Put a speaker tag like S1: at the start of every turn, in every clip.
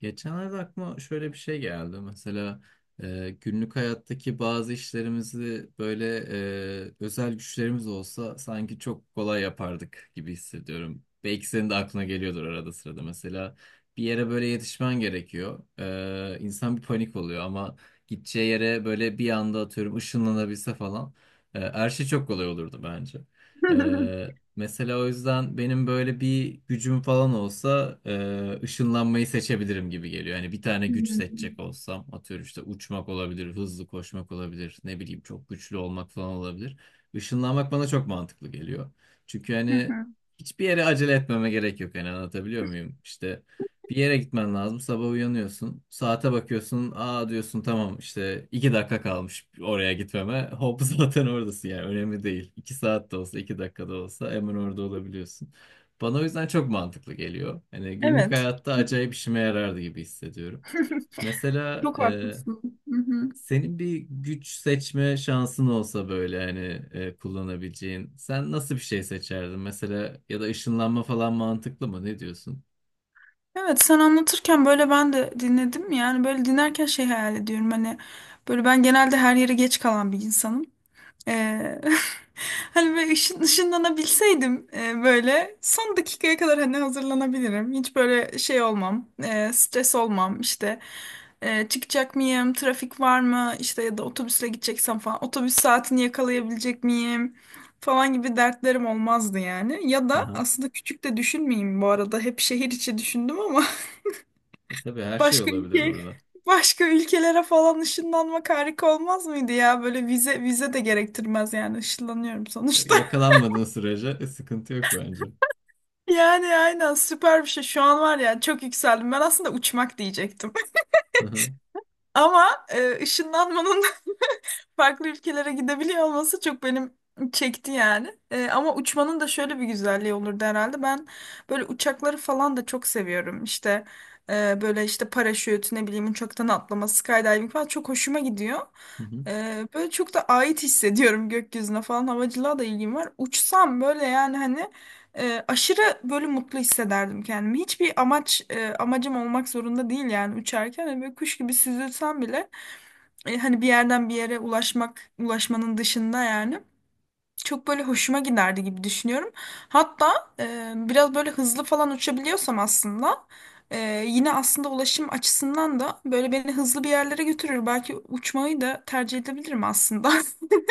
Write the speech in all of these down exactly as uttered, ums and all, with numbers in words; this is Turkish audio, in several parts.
S1: Geçenlerde aklıma şöyle bir şey geldi. Mesela e, günlük hayattaki bazı işlerimizi böyle e, özel güçlerimiz olsa sanki çok kolay yapardık gibi hissediyorum. Belki senin de aklına geliyordur arada sırada. Mesela bir yere böyle yetişmen gerekiyor. E, insan bir panik oluyor ama gideceği yere böyle bir anda atıyorum ışınlanabilse falan. E, her şey çok kolay olurdu bence. E, Mesela o yüzden benim böyle bir gücüm falan olsa e, ışınlanmayı seçebilirim gibi geliyor. Hani bir tane güç
S2: Hmm.
S1: seçecek olsam atıyorum işte uçmak olabilir, hızlı koşmak olabilir, ne bileyim çok güçlü olmak falan olabilir. Işınlanmak bana çok mantıklı geliyor. Çünkü
S2: Hı
S1: hani
S2: hı.
S1: hiçbir yere acele etmeme gerek yok. Hani anlatabiliyor muyum? İşte bir yere gitmen lazım. Sabah uyanıyorsun. Saate bakıyorsun. Aa diyorsun tamam işte iki dakika kalmış oraya gitmeme. Hop zaten oradasın yani önemli değil. iki saat de olsa iki dakika da olsa hemen orada olabiliyorsun. Bana o yüzden çok mantıklı geliyor. Hani günlük
S2: Evet.
S1: hayatta acayip işime yarardı gibi hissediyorum. Mesela
S2: Çok
S1: e,
S2: haklısın. Hı hı.
S1: senin bir güç seçme şansın olsa böyle hani e, kullanabileceğin. Sen nasıl bir şey seçerdin? Mesela ya da ışınlanma falan mantıklı mı? Ne diyorsun?
S2: Evet, sen anlatırken böyle ben de dinledim, yani böyle dinlerken şey hayal ediyorum hani böyle ben genelde her yere geç kalan bir insanım. Ee, hani böyle ışın, ışınlanabilseydim e, böyle son dakikaya kadar hani hazırlanabilirim. Hiç böyle şey olmam, e, stres olmam işte. E, çıkacak mıyım, trafik var mı işte, ya da otobüsle gideceksem falan otobüs saatini yakalayabilecek miyim falan gibi dertlerim olmazdı yani. Ya da aslında küçük de düşünmeyeyim, bu arada hep şehir içi düşündüm ama
S1: E, tabii her şey
S2: başka
S1: olabilir
S2: ülke
S1: burada.
S2: başka ülkelere falan ışınlanmak harika olmaz mıydı ya? Böyle vize vize de gerektirmez yani, ışınlanıyorum
S1: Tabii
S2: sonuçta.
S1: yakalanmadığın sürece e, sıkıntı yok bence.
S2: Yani aynen, süper bir şey. Şu an var ya, çok yükseldim. Ben aslında uçmak diyecektim.
S1: Hı hı.
S2: Ama e, ışınlanmanın farklı ülkelere gidebiliyor olması çok benim çekti yani. Ee, ama uçmanın da şöyle bir güzelliği olurdu herhalde. Ben böyle uçakları falan da çok seviyorum. İşte e, böyle işte paraşüt, ne bileyim uçaktan atlama, skydiving falan çok hoşuma gidiyor.
S1: Hı hı.
S2: Ee, böyle çok da ait hissediyorum gökyüzüne falan, havacılığa da ilgim var. Uçsam böyle yani hani e, aşırı böyle mutlu hissederdim kendimi. Hiçbir amaç e, amacım olmak zorunda değil yani uçarken. Hani böyle kuş gibi süzülsem bile e, hani bir yerden bir yere ulaşmak, ulaşmanın dışında yani çok böyle hoşuma giderdi gibi düşünüyorum. Hatta e, biraz böyle hızlı falan uçabiliyorsam aslında e, yine aslında ulaşım açısından da böyle beni hızlı bir yerlere götürür. Belki uçmayı da tercih edebilirim aslında.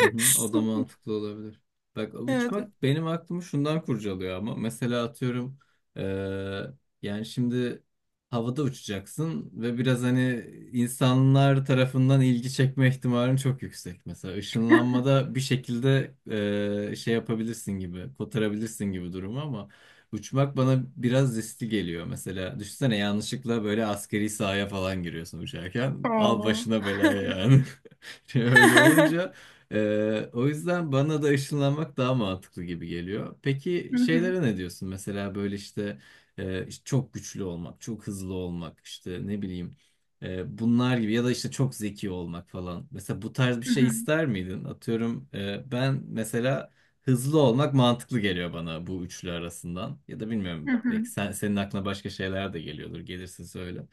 S1: Hı hı, o da mantıklı olabilir. Bak
S2: Evet.
S1: uçmak benim aklımı şundan kurcalıyor ama mesela atıyorum eee, yani şimdi havada uçacaksın ve biraz hani insanlar tarafından ilgi çekme ihtimalin çok yüksek. Mesela ışınlanmada bir şekilde eee, şey yapabilirsin gibi, kotarabilirsin gibi durumu ama uçmak bana biraz riskli geliyor. Mesela düşünsene yanlışlıkla böyle askeri sahaya falan giriyorsun uçarken al
S2: Oo.
S1: başına belaya yani. öyle olunca e, o yüzden bana da ışınlanmak daha mantıklı gibi geliyor. Peki
S2: Hı hı,
S1: şeylere ne diyorsun? Mesela böyle işte e, işte çok güçlü olmak, çok hızlı olmak, işte ne bileyim e, bunlar gibi ya da işte çok zeki olmak falan. Mesela bu tarz bir
S2: hı
S1: şey
S2: hı,
S1: ister miydin? Atıyorum e, ben mesela hızlı olmak mantıklı geliyor bana bu üçlü arasından. Ya da
S2: hı
S1: bilmiyorum
S2: hı,
S1: belki sen, senin aklına başka şeyler de geliyordur. Gelirsin söyle.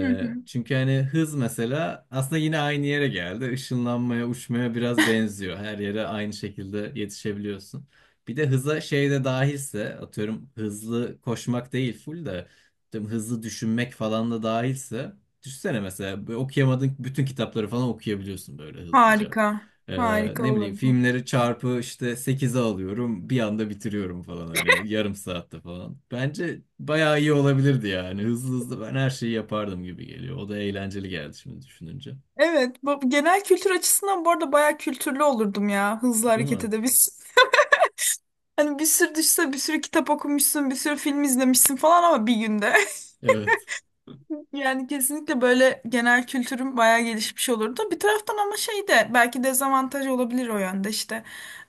S2: hı hı.
S1: Çünkü hani hız mesela aslında yine aynı yere geldi. Işınlanmaya, uçmaya biraz benziyor. Her yere aynı şekilde yetişebiliyorsun. Bir de hıza şey de dahilse, atıyorum hızlı koşmak değil full de atıyorum hızlı düşünmek falan da dahilse. Düşünsene mesela böyle okuyamadığın bütün kitapları falan okuyabiliyorsun böyle hızlıca.
S2: Harika.
S1: Ee,
S2: Harika
S1: ne bileyim
S2: olurdu.
S1: filmleri çarpı işte sekize alıyorum bir anda bitiriyorum falan hani yarım saatte falan. Bence bayağı iyi olabilirdi yani hızlı hızlı ben her şeyi yapardım gibi geliyor. O da eğlenceli geldi şimdi düşününce.
S2: Evet, bu genel kültür açısından bu arada bayağı kültürlü olurdum ya, hızlı
S1: Değil
S2: hareket
S1: mi?
S2: edebilsin. Hani bir sürü düşse, bir sürü kitap okumuşsun, bir sürü film izlemişsin falan ama bir günde.
S1: Evet.
S2: Yani kesinlikle böyle genel kültürüm bayağı gelişmiş olurdu. Bir taraftan ama şey de belki dezavantaj olabilir o yönde işte.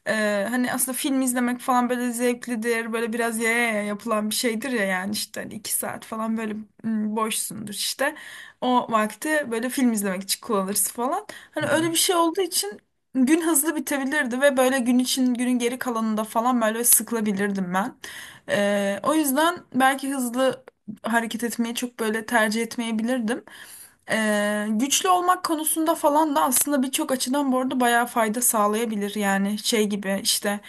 S2: Ee, hani aslında film izlemek falan böyle zevklidir. Böyle biraz yaya yaya yapılan bir şeydir ya, yani işte hani iki saat falan böyle mm, boşsundur işte. O vakti böyle film izlemek için kullanırsın falan. Hani öyle
S1: Aha.
S2: bir şey olduğu için gün hızlı bitebilirdi ve böyle gün için günün geri kalanında falan böyle sıkılabilirdim ben. Ee, o yüzden belki hızlı hareket etmeyi çok böyle tercih etmeyebilirdim. Ee, güçlü olmak konusunda falan da aslında birçok açıdan bu arada bayağı fayda sağlayabilir yani, şey gibi işte,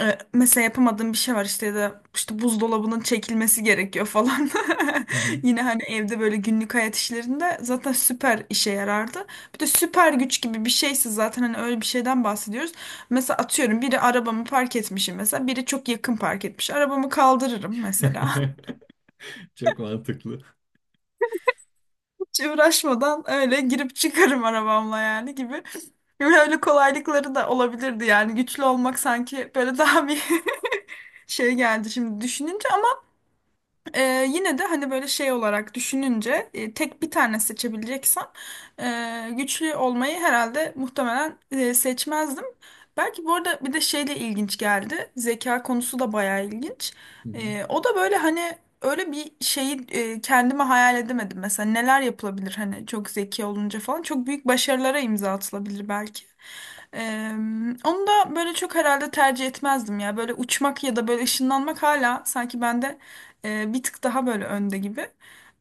S2: e, mesela yapamadığım bir şey var işte, ya da işte buzdolabının çekilmesi gerekiyor falan
S1: Hı hı.
S2: yine hani evde böyle günlük hayat işlerinde zaten süper işe yarardı. Bir de süper güç gibi bir şeyse zaten, hani öyle bir şeyden bahsediyoruz, mesela atıyorum biri arabamı park etmişim, mesela biri çok yakın park etmiş, arabamı kaldırırım mesela.
S1: Çok mantıklı.
S2: Hiç uğraşmadan öyle girip çıkarım arabamla yani gibi. Öyle kolaylıkları da olabilirdi yani güçlü olmak, sanki böyle daha bir şey geldi şimdi düşününce. ee, yine de hani böyle şey olarak düşününce e, tek bir tane seçebileceksem e, güçlü olmayı herhalde muhtemelen e, seçmezdim. Belki bu arada bir de şeyle ilginç geldi. Zeka konusu da bayağı ilginç.
S1: Hı hı.
S2: E, o da böyle hani öyle bir şeyi e, kendime hayal edemedim. Mesela neler yapılabilir hani çok zeki olunca falan. Çok büyük başarılara imza atılabilir belki. Ee, onu da böyle çok herhalde tercih etmezdim ya. Böyle uçmak ya da böyle ışınlanmak hala sanki bende e, bir tık daha böyle önde gibi.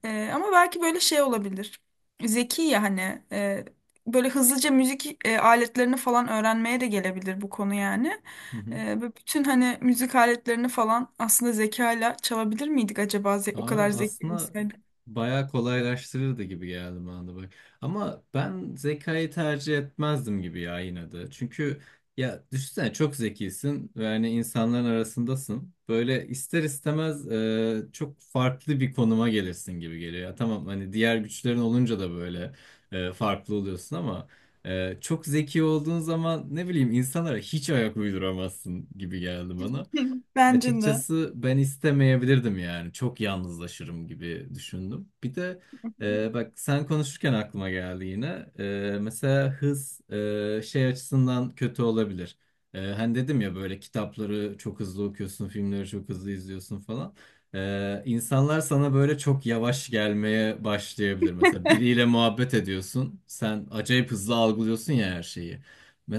S2: E, ama belki böyle şey olabilir. Zeki ya hani e, böyle hızlıca müzik e, aletlerini falan öğrenmeye de gelebilir bu konu yani.
S1: Hı hı.
S2: E, ve bütün hani müzik aletlerini falan aslında zekayla çalabilir miydik acaba ze- o
S1: Abi
S2: kadar zeki
S1: aslında
S2: olsaydık?
S1: bayağı kolaylaştırırdı gibi geldi bana da bak. Ama ben zekayı tercih etmezdim gibi ya yine de. Çünkü ya düşünsene çok zekisin ve hani insanların arasındasın. Böyle ister istemez e, çok farklı bir konuma gelirsin gibi geliyor. Ya tamam hani diğer güçlerin olunca da böyle e, farklı oluyorsun ama e, çok zeki olduğun zaman ne bileyim insanlara hiç ayak uyduramazsın gibi geldi bana.
S2: Hı, bence de.
S1: Açıkçası ben istemeyebilirdim yani. Çok yalnızlaşırım gibi düşündüm. Bir de e, bak sen konuşurken aklıma geldi yine. E, mesela hız e, şey açısından kötü olabilir. E, hani dedim ya böyle kitapları çok hızlı okuyorsun, filmleri çok hızlı izliyorsun falan. E, insanlar sana böyle çok yavaş gelmeye başlayabilir. Mesela biriyle muhabbet ediyorsun. Sen acayip hızlı algılıyorsun ya her şeyi.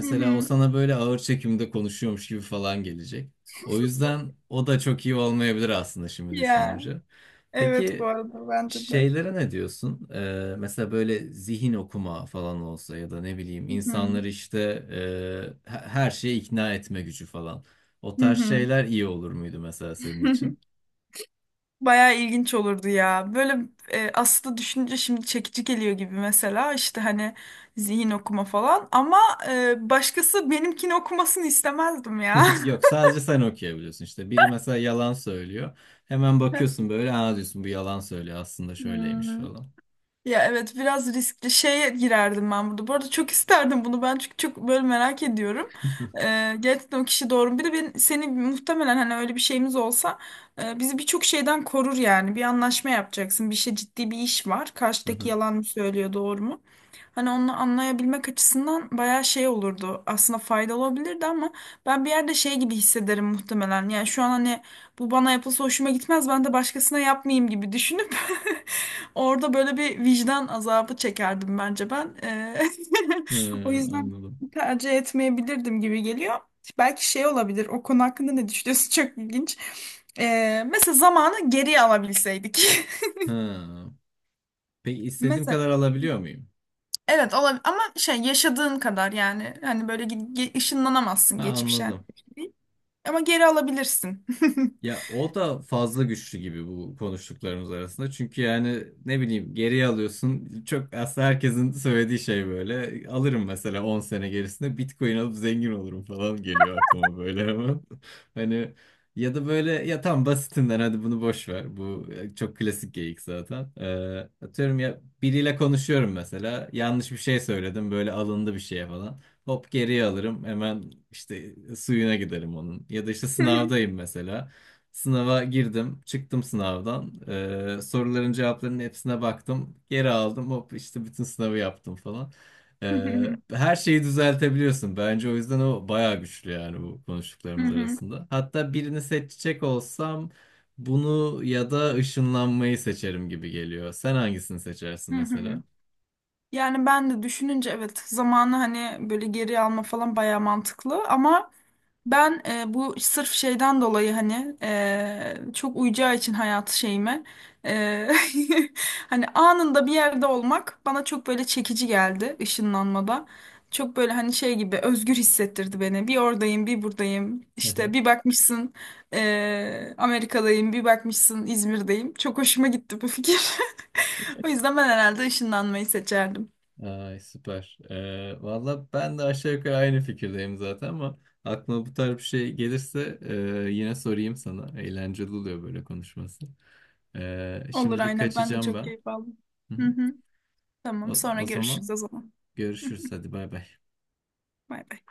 S2: Hı
S1: o
S2: hı.
S1: sana böyle ağır çekimde konuşuyormuş gibi falan gelecek. O yüzden o da çok iyi olmayabilir aslında şimdi
S2: Ya,
S1: düşününce.
S2: evet bu
S1: Peki
S2: arada bence de.
S1: şeylere ne diyorsun? Ee, mesela böyle zihin okuma falan olsa ya da ne bileyim
S2: Hı hı.
S1: insanları işte e, he- her şeye ikna etme gücü falan. O
S2: Hı
S1: tarz
S2: hı.
S1: şeyler iyi olur muydu mesela senin için?
S2: Bayağı ilginç olurdu ya. Böyle e, aslında düşününce şimdi çekici geliyor gibi, mesela işte hani zihin okuma falan ama e, başkası benimkini okumasını istemezdim ya.
S1: Yok sadece sen okuyabiliyorsun işte. Biri mesela yalan söylüyor. Hemen bakıyorsun böyle aa diyorsun bu yalan söylüyor aslında
S2: Ya.
S1: şöyleymiş falan.
S2: Ya evet, biraz riskli şeye girerdim ben burada. Bu arada çok isterdim bunu ben, çünkü çok böyle merak ediyorum. Ee, gerçekten o kişi doğru mu? Bir de ben, seni muhtemelen hani öyle bir şeyimiz olsa e, bizi birçok şeyden korur yani. Bir anlaşma yapacaksın. Bir şey, ciddi bir iş var.
S1: Hı
S2: Karşıdaki
S1: hı.
S2: yalan mı söylüyor, doğru mu? Hani onu anlayabilmek açısından bayağı şey olurdu. Aslında faydalı olabilirdi ama ben bir yerde şey gibi hissederim muhtemelen. Yani şu an hani bu bana yapılsa hoşuma gitmez, ben de başkasına yapmayayım gibi düşünüp orada böyle bir vicdan azabı çekerdim bence ben. Eee,
S1: Hı,
S2: o yüzden
S1: anladım.
S2: tercih etmeyebilirdim gibi geliyor. Belki şey olabilir. O konu hakkında ne düşünüyorsun? Çok ilginç. Eee, mesela zamanı geriye alabilseydik.
S1: Hı. Peki istediğim
S2: Mesela
S1: kadar alabiliyor muyum?
S2: evet olabilir ama şey, yaşadığın kadar yani, hani böyle gi- gi- ışınlanamazsın
S1: Ha,
S2: geçmişe yani.
S1: anladım.
S2: Ama geri alabilirsin.
S1: Ya o da fazla güçlü gibi bu konuştuklarımız arasında. Çünkü yani ne bileyim geriye alıyorsun. Çok aslında herkesin söylediği şey böyle. Alırım mesela on sene gerisinde Bitcoin alıp zengin olurum falan geliyor aklıma böyle ama. Hani ya da böyle ya tam basitinden hadi bunu boş ver. Bu e, çok klasik geyik zaten. Ee, atıyorum ya biriyle konuşuyorum mesela. Yanlış bir şey söyledim böyle alındı bir şeye falan. Hop geriye alırım hemen işte suyuna giderim onun. Ya da işte
S2: Hı
S1: sınavdayım mesela. Sınava girdim, çıktım sınavdan. Ee, soruların cevaplarının hepsine baktım. Geri aldım, hop işte bütün sınavı yaptım falan. Ee,
S2: hı,
S1: her şeyi düzeltebiliyorsun. Bence o yüzden o bayağı güçlü yani bu
S2: hı
S1: konuştuklarımız
S2: hı,
S1: arasında. Hatta birini seçecek olsam bunu ya da ışınlanmayı seçerim gibi geliyor. Sen hangisini seçersin
S2: hı hı.
S1: mesela?
S2: Yani ben de düşününce evet, zamanı hani böyle geri alma falan bayağı mantıklı ama ben e, bu sırf şeyden dolayı, hani e, çok uyacağı için hayat şeyime, e, hani anında bir yerde olmak bana çok böyle çekici geldi ışınlanmada. Çok böyle hani şey gibi özgür hissettirdi beni. Bir oradayım, bir buradayım. İşte bir bakmışsın e, Amerika'dayım, bir bakmışsın İzmir'deyim. Çok hoşuma gitti bu fikir. O yüzden ben herhalde ışınlanmayı seçerdim.
S1: Ay süper. Ee, valla ben de aşağı yukarı aynı fikirdeyim zaten ama aklıma bu tarz bir şey gelirse e, yine sorayım sana. Eğlenceli oluyor böyle konuşması. Ee,
S2: Olur
S1: şimdilik
S2: aynen, ben de
S1: kaçacağım
S2: çok
S1: ben.
S2: keyif aldım.
S1: Hı
S2: Hı
S1: hı.
S2: hı,
S1: O,
S2: tamam sonra
S1: o
S2: görüşürüz o
S1: zaman
S2: zaman.
S1: görüşürüz. Hadi bay bay.
S2: Bay bay.